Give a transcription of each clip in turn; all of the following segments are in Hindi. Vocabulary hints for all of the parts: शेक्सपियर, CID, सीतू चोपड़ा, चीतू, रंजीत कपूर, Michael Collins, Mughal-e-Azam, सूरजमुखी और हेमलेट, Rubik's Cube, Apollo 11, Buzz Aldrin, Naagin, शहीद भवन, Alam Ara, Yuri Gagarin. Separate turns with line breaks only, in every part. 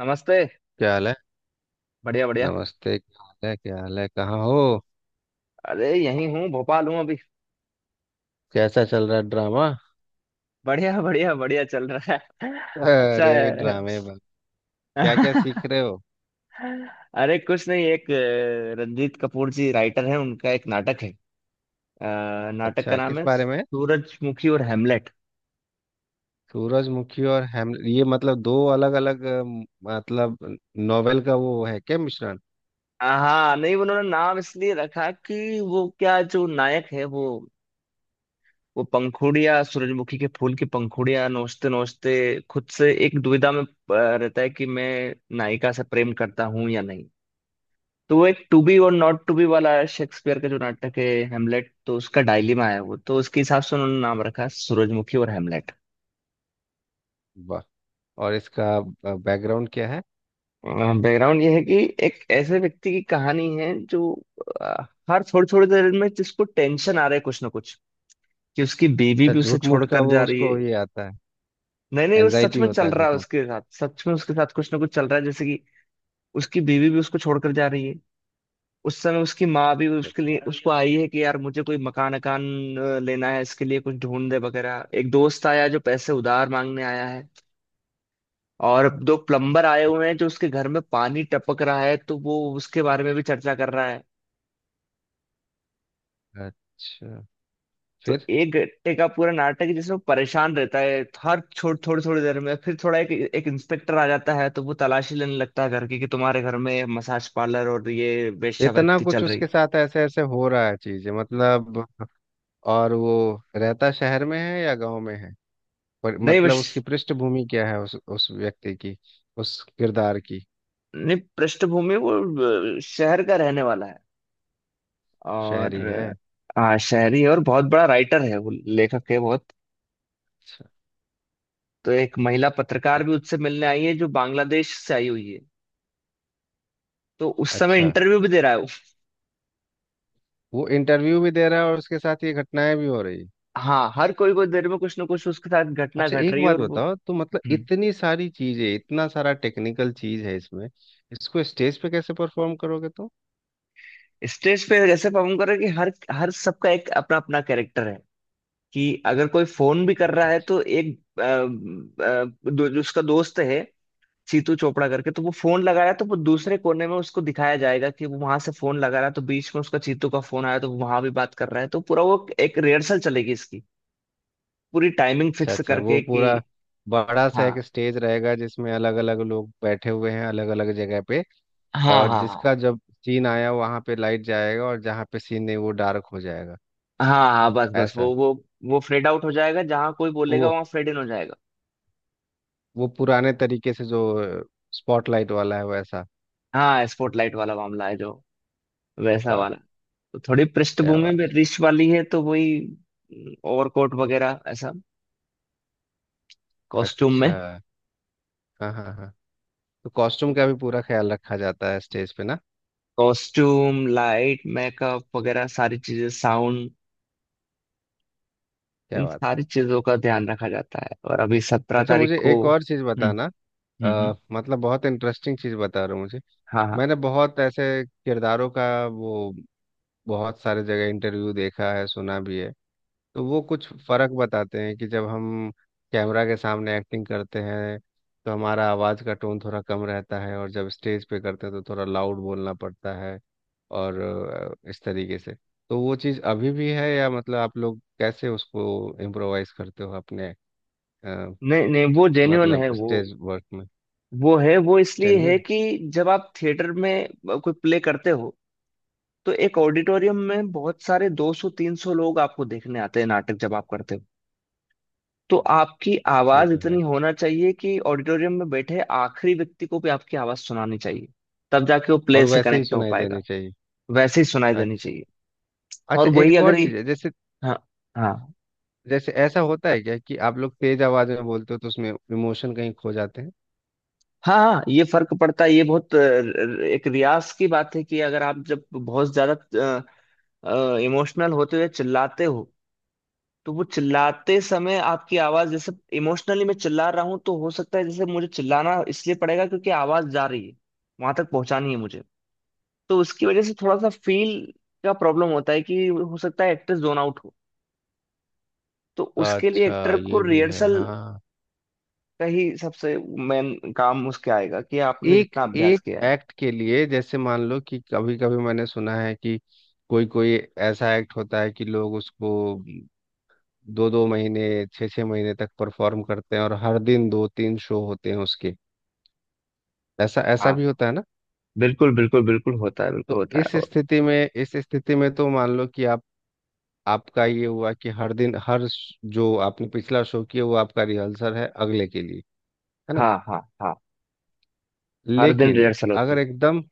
नमस्ते।
क्या हाल है
बढ़िया बढ़िया।
नमस्ते, क्या हाल है? कहाँ हो?
अरे, यहीं हूँ, भोपाल हूँ अभी।
कैसा चल रहा है ड्रामा?
बढ़िया बढ़िया बढ़िया चल रहा है। अच्छा
अरे,
है।
ड्रामे बा क्या क्या सीख रहे हो?
अरे कुछ नहीं, एक रंजीत कपूर जी राइटर हैं, उनका एक नाटक है। नाटक का
अच्छा,
नाम
किस
है
बारे में?
सूरजमुखी और हेमलेट।
सूरजमुखी और हेमलेट, ये मतलब दो अलग अलग, मतलब नोवेल का वो है क्या, मिश्रण?
हाँ, नहीं उन्होंने नाम इसलिए रखा कि वो क्या, जो नायक है वो पंखुड़ियाँ, सूरजमुखी के फूल की पंखुड़ियाँ नोचते नोचते खुद से एक दुविधा में रहता है कि मैं नायिका से प्रेम करता हूँ या नहीं। तो वो एक to be or not to be वाला शेक्सपियर का जो नाटक है हेमलेट, तो उसका डायलेमा है वो, तो उसके हिसाब से उन्होंने नाम रखा सूरजमुखी और हेमलेट।
वाह। और इसका बैकग्राउंड क्या है?
बैकग्राउंड ये है कि एक ऐसे व्यक्ति की कहानी है जो अ, हर थोड़ी थोड़ी देर में, जिसको टेंशन आ रहा है कुछ ना कुछ, कि उसकी बीवी
अच्छा,
भी उसे
झूठ मूठ का
छोड़कर
वो
जा रही है।
उसको ये आता है?
नहीं नहीं, वो सच
एनजाइटी
में
होता
चल
है
रहा
झूठ
है
मूठ?
उसके साथ, सच में उसके साथ कुछ ना कुछ चल रहा है, जैसे कि उसकी बीवी भी उसको छोड़कर जा रही है। उस समय उसकी माँ भी उसके
अच्छा
लिए उसको आई है कि यार, मुझे कोई मकान अकान लेना है, इसके लिए कुछ ढूंढ दे वगैरह। एक दोस्त आया जो पैसे उधार मांगने आया है, और दो प्लम्बर आए हुए हैं, जो उसके घर में पानी टपक रहा है तो वो उसके बारे में भी चर्चा कर रहा है।
अच्छा। अच्छा।
तो
फिर?
एक घंटे का पूरा नाटक है जिसमें वो परेशान रहता है हर छोड़ थोड़ी थोड़ी देर में, फिर थोड़ा एक एक इंस्पेक्टर आ जाता है तो वो तलाशी लेने लगता है घर की कि तुम्हारे घर में मसाज पार्लर और ये
इतना
वेश्यावृत्ति चल
कुछ
रही।
उसके साथ ऐसे ऐसे हो रहा है चीजें, मतलब? और वो रहता शहर में है या गांव में है? पर
नहीं,
मतलब उसकी
बस।
पृष्ठभूमि क्या है, उस व्यक्ति की, उस किरदार की?
नहीं, पृष्ठभूमि वो शहर का रहने वाला है, और
शहरी है।
हाँ, शहरी है और बहुत बड़ा राइटर है वो, लेखक है बहुत।
अच्छा।
तो एक महिला पत्रकार
एक।
भी उससे मिलने आई है जो बांग्लादेश से आई हुई है। तो उस समय
अच्छा।
इंटरव्यू भी दे रहा है वो।
वो इंटरव्यू भी दे रहा है और उसके साथ ये घटनाएं भी हो रही है?
हाँ, हर कोई को देर में कुछ ना कुछ उसके साथ घटना
अच्छा,
घट
एक
रही है
बात
और वो
बताओ तो, मतलब
हम्म
इतनी सारी चीजें, इतना सारा टेक्निकल चीज है इसमें, इसको स्टेज पे कैसे परफॉर्म करोगे तुम?
स्टेज पे ऐसे परफॉर्म कर रहा है कि हर हर सबका एक अपना अपना कैरेक्टर है। कि अगर कोई फोन भी कर
अच्छा।
रहा है
अच्छा।
तो एक दो, जो उसका दोस्त है सीतू चोपड़ा करके, तो वो फोन लगाया तो वो दूसरे कोने में उसको दिखाया जाएगा कि वो वहां से फोन लगा रहा है। तो बीच में उसका चीतू का फोन आया तो वो वहां भी बात कर रहा है। तो पूरा वो एक रिहर्सल चलेगी इसकी, पूरी टाइमिंग
अच्छा
फिक्स
अच्छा,
करके
वो
कि
पूरा बड़ा सा एक
हाँ
स्टेज रहेगा जिसमें अलग अलग लोग बैठे हुए हैं अलग अलग जगह पे,
हाँ
और
हाँ, हाँ
जिसका जब सीन आया वहां पे लाइट जाएगा और जहां पे सीन नहीं वो डार्क हो जाएगा,
हाँ हाँ, बस बस
ऐसा?
वो फेड आउट हो जाएगा, जहां कोई बोलेगा
वो
वहां फेड इन हो जाएगा।
वो पुराने तरीके से जो स्पॉटलाइट वाला है, वैसा।
हाँ, स्पॉटलाइट वाला मामला है जो, वैसा
वाह।
वाला। तो थोड़ी
क्या
पृष्ठभूमि में
बात।
रिच वाली है, तो वही ओवरकोट वगैरह ऐसा, कॉस्ट्यूम
अच्छा।
में।
हाँ हाँ हाँ, तो कॉस्ट्यूम का भी पूरा ख्याल रखा जाता है स्टेज पे ना।
कॉस्ट्यूम, लाइट, मेकअप वगैरह सारी चीजें, साउंड,
क्या
इन
बात।
सारी चीजों का ध्यान रखा जाता है। और अभी 17
अच्छा,
तारीख
मुझे
को।
एक और चीज़ बताना।
हम्म हम्म।
मतलब बहुत इंटरेस्टिंग चीज़ बता रहे हो मुझे।
हाँ हाँ।
मैंने बहुत ऐसे किरदारों का वो, बहुत सारे जगह इंटरव्यू देखा है, सुना भी है। तो वो कुछ फर्क बताते हैं कि जब हम कैमरा के सामने एक्टिंग करते हैं तो हमारा आवाज़ का टोन थोड़ा कम रहता है, और जब स्टेज पे करते हैं तो थोड़ा लाउड बोलना पड़ता है। और इस तरीके से, तो वो चीज़ अभी भी है, या मतलब आप लोग कैसे उसको इम्प्रोवाइज करते हो अपने? अ,
नहीं नहीं, वो जेन्युइन है
मतलब
वो।
स्टेज वर्क में।
वो है, वो इसलिए है
जेनविन।
कि जब आप थिएटर में कोई प्ले करते हो तो एक ऑडिटोरियम में बहुत सारे 200 300 लोग आपको देखने आते हैं नाटक जब आप करते हो, तो आपकी
ये
आवाज
तो
इतनी
है।
होना चाहिए कि ऑडिटोरियम में बैठे आखिरी व्यक्ति को भी आपकी आवाज सुनानी चाहिए, तब जाके वो
और
प्ले से
वैसे ही
कनेक्ट हो
सुनाई देनी
पाएगा।
चाहिए।
वैसे ही सुनाई देनी
अच्छा।
चाहिए। और
अच्छा,
वही
एक और
अगर ये,
चीज़ है, जैसे,
हाँ हाँ
जैसे ऐसा होता है क्या कि आप लोग तेज आवाज में बोलते हो तो उसमें इमोशन कहीं खो जाते हैं?
हाँ हाँ, ये फर्क पड़ता है, ये बहुत एक रियाज की बात है, कि अगर आप जब बहुत ज्यादा इमोशनल होते हुए चिल्लाते हो तो वो चिल्लाते समय आपकी आवाज, जैसे इमोशनली मैं चिल्ला रहा हूँ, तो हो सकता है, जैसे मुझे चिल्लाना इसलिए पड़ेगा क्योंकि आवाज जा रही है, वहां तक पहुंचानी है मुझे, तो उसकी वजह से थोड़ा सा फील का प्रॉब्लम होता है कि हो सकता है एक्टर जोन आउट हो। तो उसके लिए
अच्छा,
एक्टर को
ये भी है
रिहर्सल
हाँ।
का ही सबसे मेन काम उसके आएगा, कि आपने
एक
जितना अभ्यास
एक
किया है।
एक्ट के लिए जैसे, मान लो कि, कभी कभी मैंने सुना है कि कोई कोई ऐसा एक्ट होता है कि लोग उसको दो दो महीने, छः छः महीने तक परफॉर्म करते हैं, और हर दिन दो तीन शो होते हैं उसके। ऐसा ऐसा
हाँ,
भी होता है ना?
बिल्कुल बिल्कुल बिल्कुल होता है, बिल्कुल
तो
होता है,
इस
और
स्थिति में, इस स्थिति में तो मान लो कि आप, आपका ये हुआ कि हर दिन, जो आपने पिछला शो किया वो आपका रिहर्सल है अगले के लिए, है ना?
हाँ हाँ हाँ, हर दिन
लेकिन
रिहर्सल होती
अगर
है।
एकदम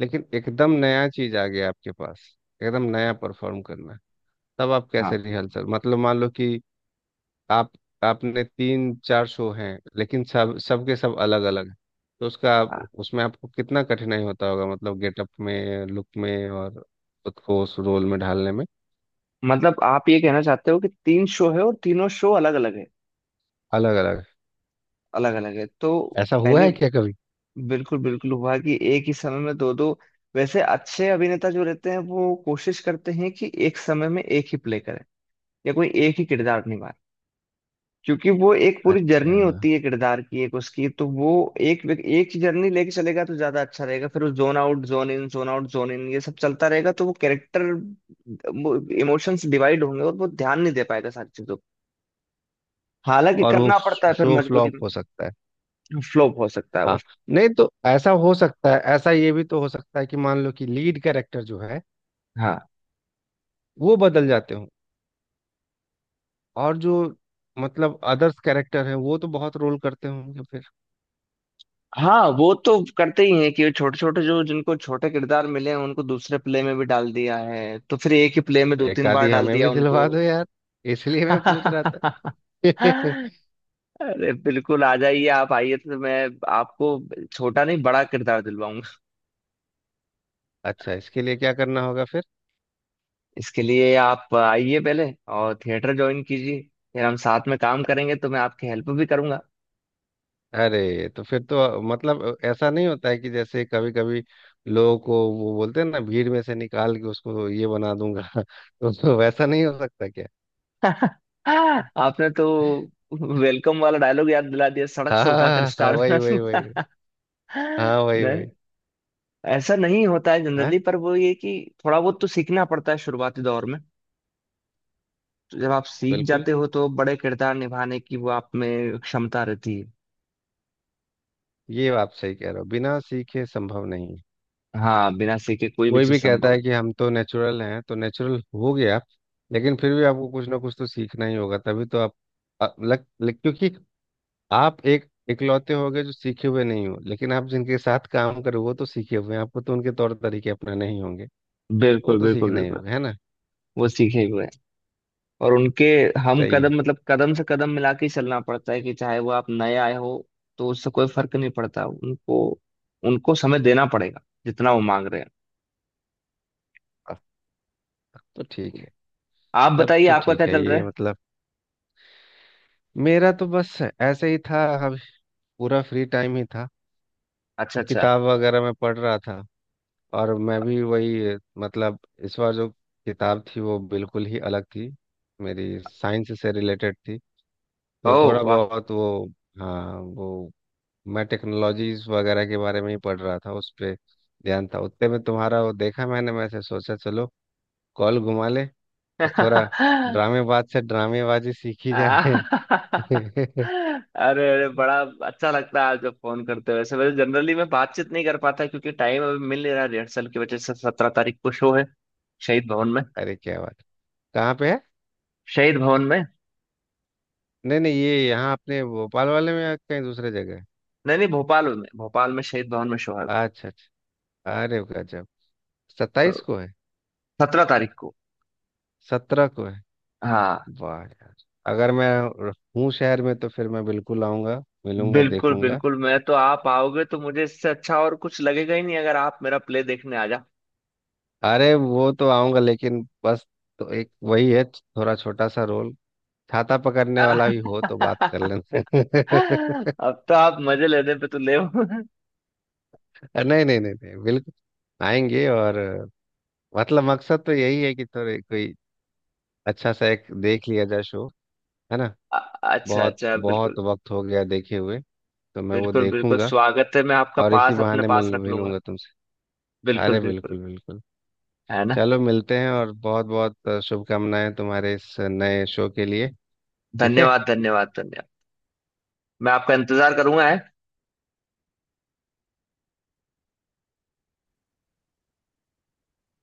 लेकिन एकदम नया चीज आ गया आपके पास, एकदम नया परफॉर्म करना है, तब आप
हाँ
कैसे रिहर्सल, मतलब मान लो कि आप आपने तीन चार शो हैं लेकिन सब सबके सब अलग अलग हैं, तो
हाँ,
उसमें आपको कितना कठिनाई होता होगा, मतलब गेटअप में, लुक में, और खुद को उस रोल में ढालने में।
मतलब आप ये कहना चाहते हो कि तीन शो है और तीनों शो अलग अलग है,
अलग अलग।
अलग अलग है तो।
ऐसा हुआ
पहले
है क्या कभी?
बिल्कुल बिल्कुल हुआ कि एक ही समय में दो दो, वैसे अच्छे अभिनेता जो रहते हैं वो कोशिश करते हैं कि एक समय में एक ही प्ले करें, या कोई एक ही किरदार निभाए, क्योंकि वो एक पूरी
अच्छा।
जर्नी होती है किरदार की, एक उसकी, तो वो एक एक जर्नी लेके चलेगा तो ज्यादा अच्छा रहेगा। फिर वो zone out zone in zone out zone in ये सब चलता रहेगा, तो वो कैरेक्टर, इमोशंस डिवाइड होंगे और वो ध्यान नहीं दे पाएगा सारी चीजों को। हालांकि
और वो
करना पड़ता है फिर
शो
मजबूरी
फ्लॉप
में।
हो सकता है?
फ्लॉप हो सकता है वो।
हाँ, नहीं तो ऐसा हो सकता है, ऐसा ये भी तो हो सकता है कि मान लो कि लीड कैरेक्टर जो है
हाँ
वो बदल जाते हो, और जो मतलब अदर्स कैरेक्टर है वो तो बहुत रोल करते होंगे फिर।
हाँ, वो तो करते ही हैं कि छोटे छोटे जो, जिनको छोटे किरदार मिले हैं उनको दूसरे प्ले में भी डाल दिया है, तो फिर एक ही प्ले में
तो
दो
एक
तीन बार
आधी
डाल
हमें
दिया
भी
उनको।
दिलवा दो यार, इसलिए मैं पूछ रहा था।
अरे, बिल्कुल आ जाइए, आप आइए तो मैं आपको छोटा नहीं, बड़ा किरदार दिलवाऊंगा।
अच्छा, इसके लिए क्या करना होगा फिर?
इसके लिए आप आइए पहले, और थिएटर ज्वाइन कीजिए, फिर हम साथ में काम करेंगे तो मैं आपकी हेल्प भी करूंगा।
अरे तो फिर तो मतलब ऐसा नहीं होता है कि जैसे कभी कभी लोगों को वो बोलते हैं ना, भीड़ में से निकाल के उसको ये बना दूंगा, तो वैसा नहीं हो सकता क्या?
आपने तो वेलकम वाला डायलॉग याद दिला दिया, सड़क
हाँ
से
हाँ हाँ,
उठाकर
हाँ, हाँ,
स्टार बना
वही वही वही।
दूंगा।
हाँ, वही
नहीं,
वही।
ऐसा नहीं होता है
हाँ
जनरली, पर वो ये कि थोड़ा बहुत तो सीखना पड़ता है शुरुआती दौर में, तो जब आप सीख
बिल्कुल,
जाते हो तो बड़े किरदार निभाने की वो आप में क्षमता रहती है।
ये आप सही कह रहे हो, बिना सीखे संभव नहीं है।
हाँ, बिना सीखे कोई भी
कोई भी
चीज
कहता
संभव।
है कि हम तो नेचुरल हैं तो नेचुरल हो गया, लेकिन फिर भी आपको कुछ ना कुछ तो सीखना ही होगा, तभी तो आप, क्योंकि आप एक इकलौते होगे जो सीखे हुए नहीं हो, लेकिन आप जिनके साथ काम करो वो तो सीखे हुए हैं, आपको तो उनके तौर तरीके अपनाने ही होंगे। तो वो
बिल्कुल
तो
बिल्कुल
सीखना ही
बिल्कुल,
होगा, है ना?
वो सीखे हुए हैं और उनके, हम
सही है।
कदम, मतलब कदम से कदम मिला के ही चलना पड़ता है, कि चाहे वो आप नए आए हो, तो उससे कोई फर्क नहीं पड़ता उनको, उनको समय देना पड़ेगा जितना वो मांग रहे हैं।
अब तो ठीक है।
आप
तब
बताइए,
तो
आपका क्या
ठीक है।
चल रहा
ये
है।
मतलब मेरा तो बस ऐसे ही था अभी, पूरा फ्री टाइम ही था,
अच्छा
तो
अच्छा।
किताब वगैरह मैं पढ़ रहा था। और मैं भी वही, मतलब इस बार जो किताब थी वो बिल्कुल ही अलग थी मेरी, साइंस से रिलेटेड थी,
ओ,
तो थोड़ा
वाह।
बहुत वो। हाँ वो, मैं टेक्नोलॉजीज वगैरह के बारे में ही पढ़ रहा था, उस पे ध्यान था। उतने में तुम्हारा वो देखा मैंने, मैं से सोचा चलो कॉल घुमा ले और थोड़ा ड्रामेबाज से ड्रामेबाजी सीखी जाए।
अरे अरे, बड़ा अच्छा लगता है आप जब फोन करते हो, वैसे वैसे जनरली मैं बातचीत नहीं कर पाता क्योंकि टाइम अभी मिल नहीं रहा रिहर्सल की वजह से। 17 तारीख को शो है। शहीद भवन में।
अरे क्या बात। कहाँ पे है?
शहीद भवन में।
नहीं नहीं, ये यहाँ अपने भोपाल वाले में या कहीं दूसरे जगह है?
नहीं नहीं, भोपाल में, भोपाल में शहीद भवन में शो है।
अच्छा। अच्छा अरे, गजब। 27
तो
को है?
17 तारीख को।
17 को है।
हाँ।
वाह यार। अगर मैं हूँ शहर में तो फिर मैं बिल्कुल आऊंगा, मिलूंगा,
बिल्कुल
देखूंगा।
बिल्कुल, मैं तो, आप आओगे तो मुझे इससे अच्छा और कुछ लगेगा ही नहीं, अगर आप मेरा प्ले देखने आ जा।
अरे वो तो आऊंगा, लेकिन बस तो एक वही है, थोड़ा छोटा सा रोल, छाता पकड़ने वाला भी हो तो बात कर लेना।
अब तो आप मजे लेने पे तो ले हो।
नहीं नहीं नहीं नहीं, बिल्कुल आएंगे। और मतलब मकसद तो यही है कि थोड़े कोई अच्छा सा एक देख लिया जाए शो, है ना?
अ- अच्छा
बहुत
अच्छा,
बहुत
बिल्कुल।
वक्त हो गया देखे हुए, तो मैं वो
बिल्कुल बिल्कुल
देखूंगा।
स्वागत है, मैं आपका
और इसी
पास अपने
बहाने
पास
मिल
रख लूंगा।
मिलूंगा तुमसे।
बिल्कुल
अरे
बिल्कुल,
बिल्कुल बिल्कुल।
है ना।
चलो मिलते हैं, और बहुत बहुत शुभकामनाएं तुम्हारे इस नए शो के लिए। ठीक
धन्यवाद
है।
धन्यवाद धन्यवाद। मैं आपका इंतजार करूंगा है।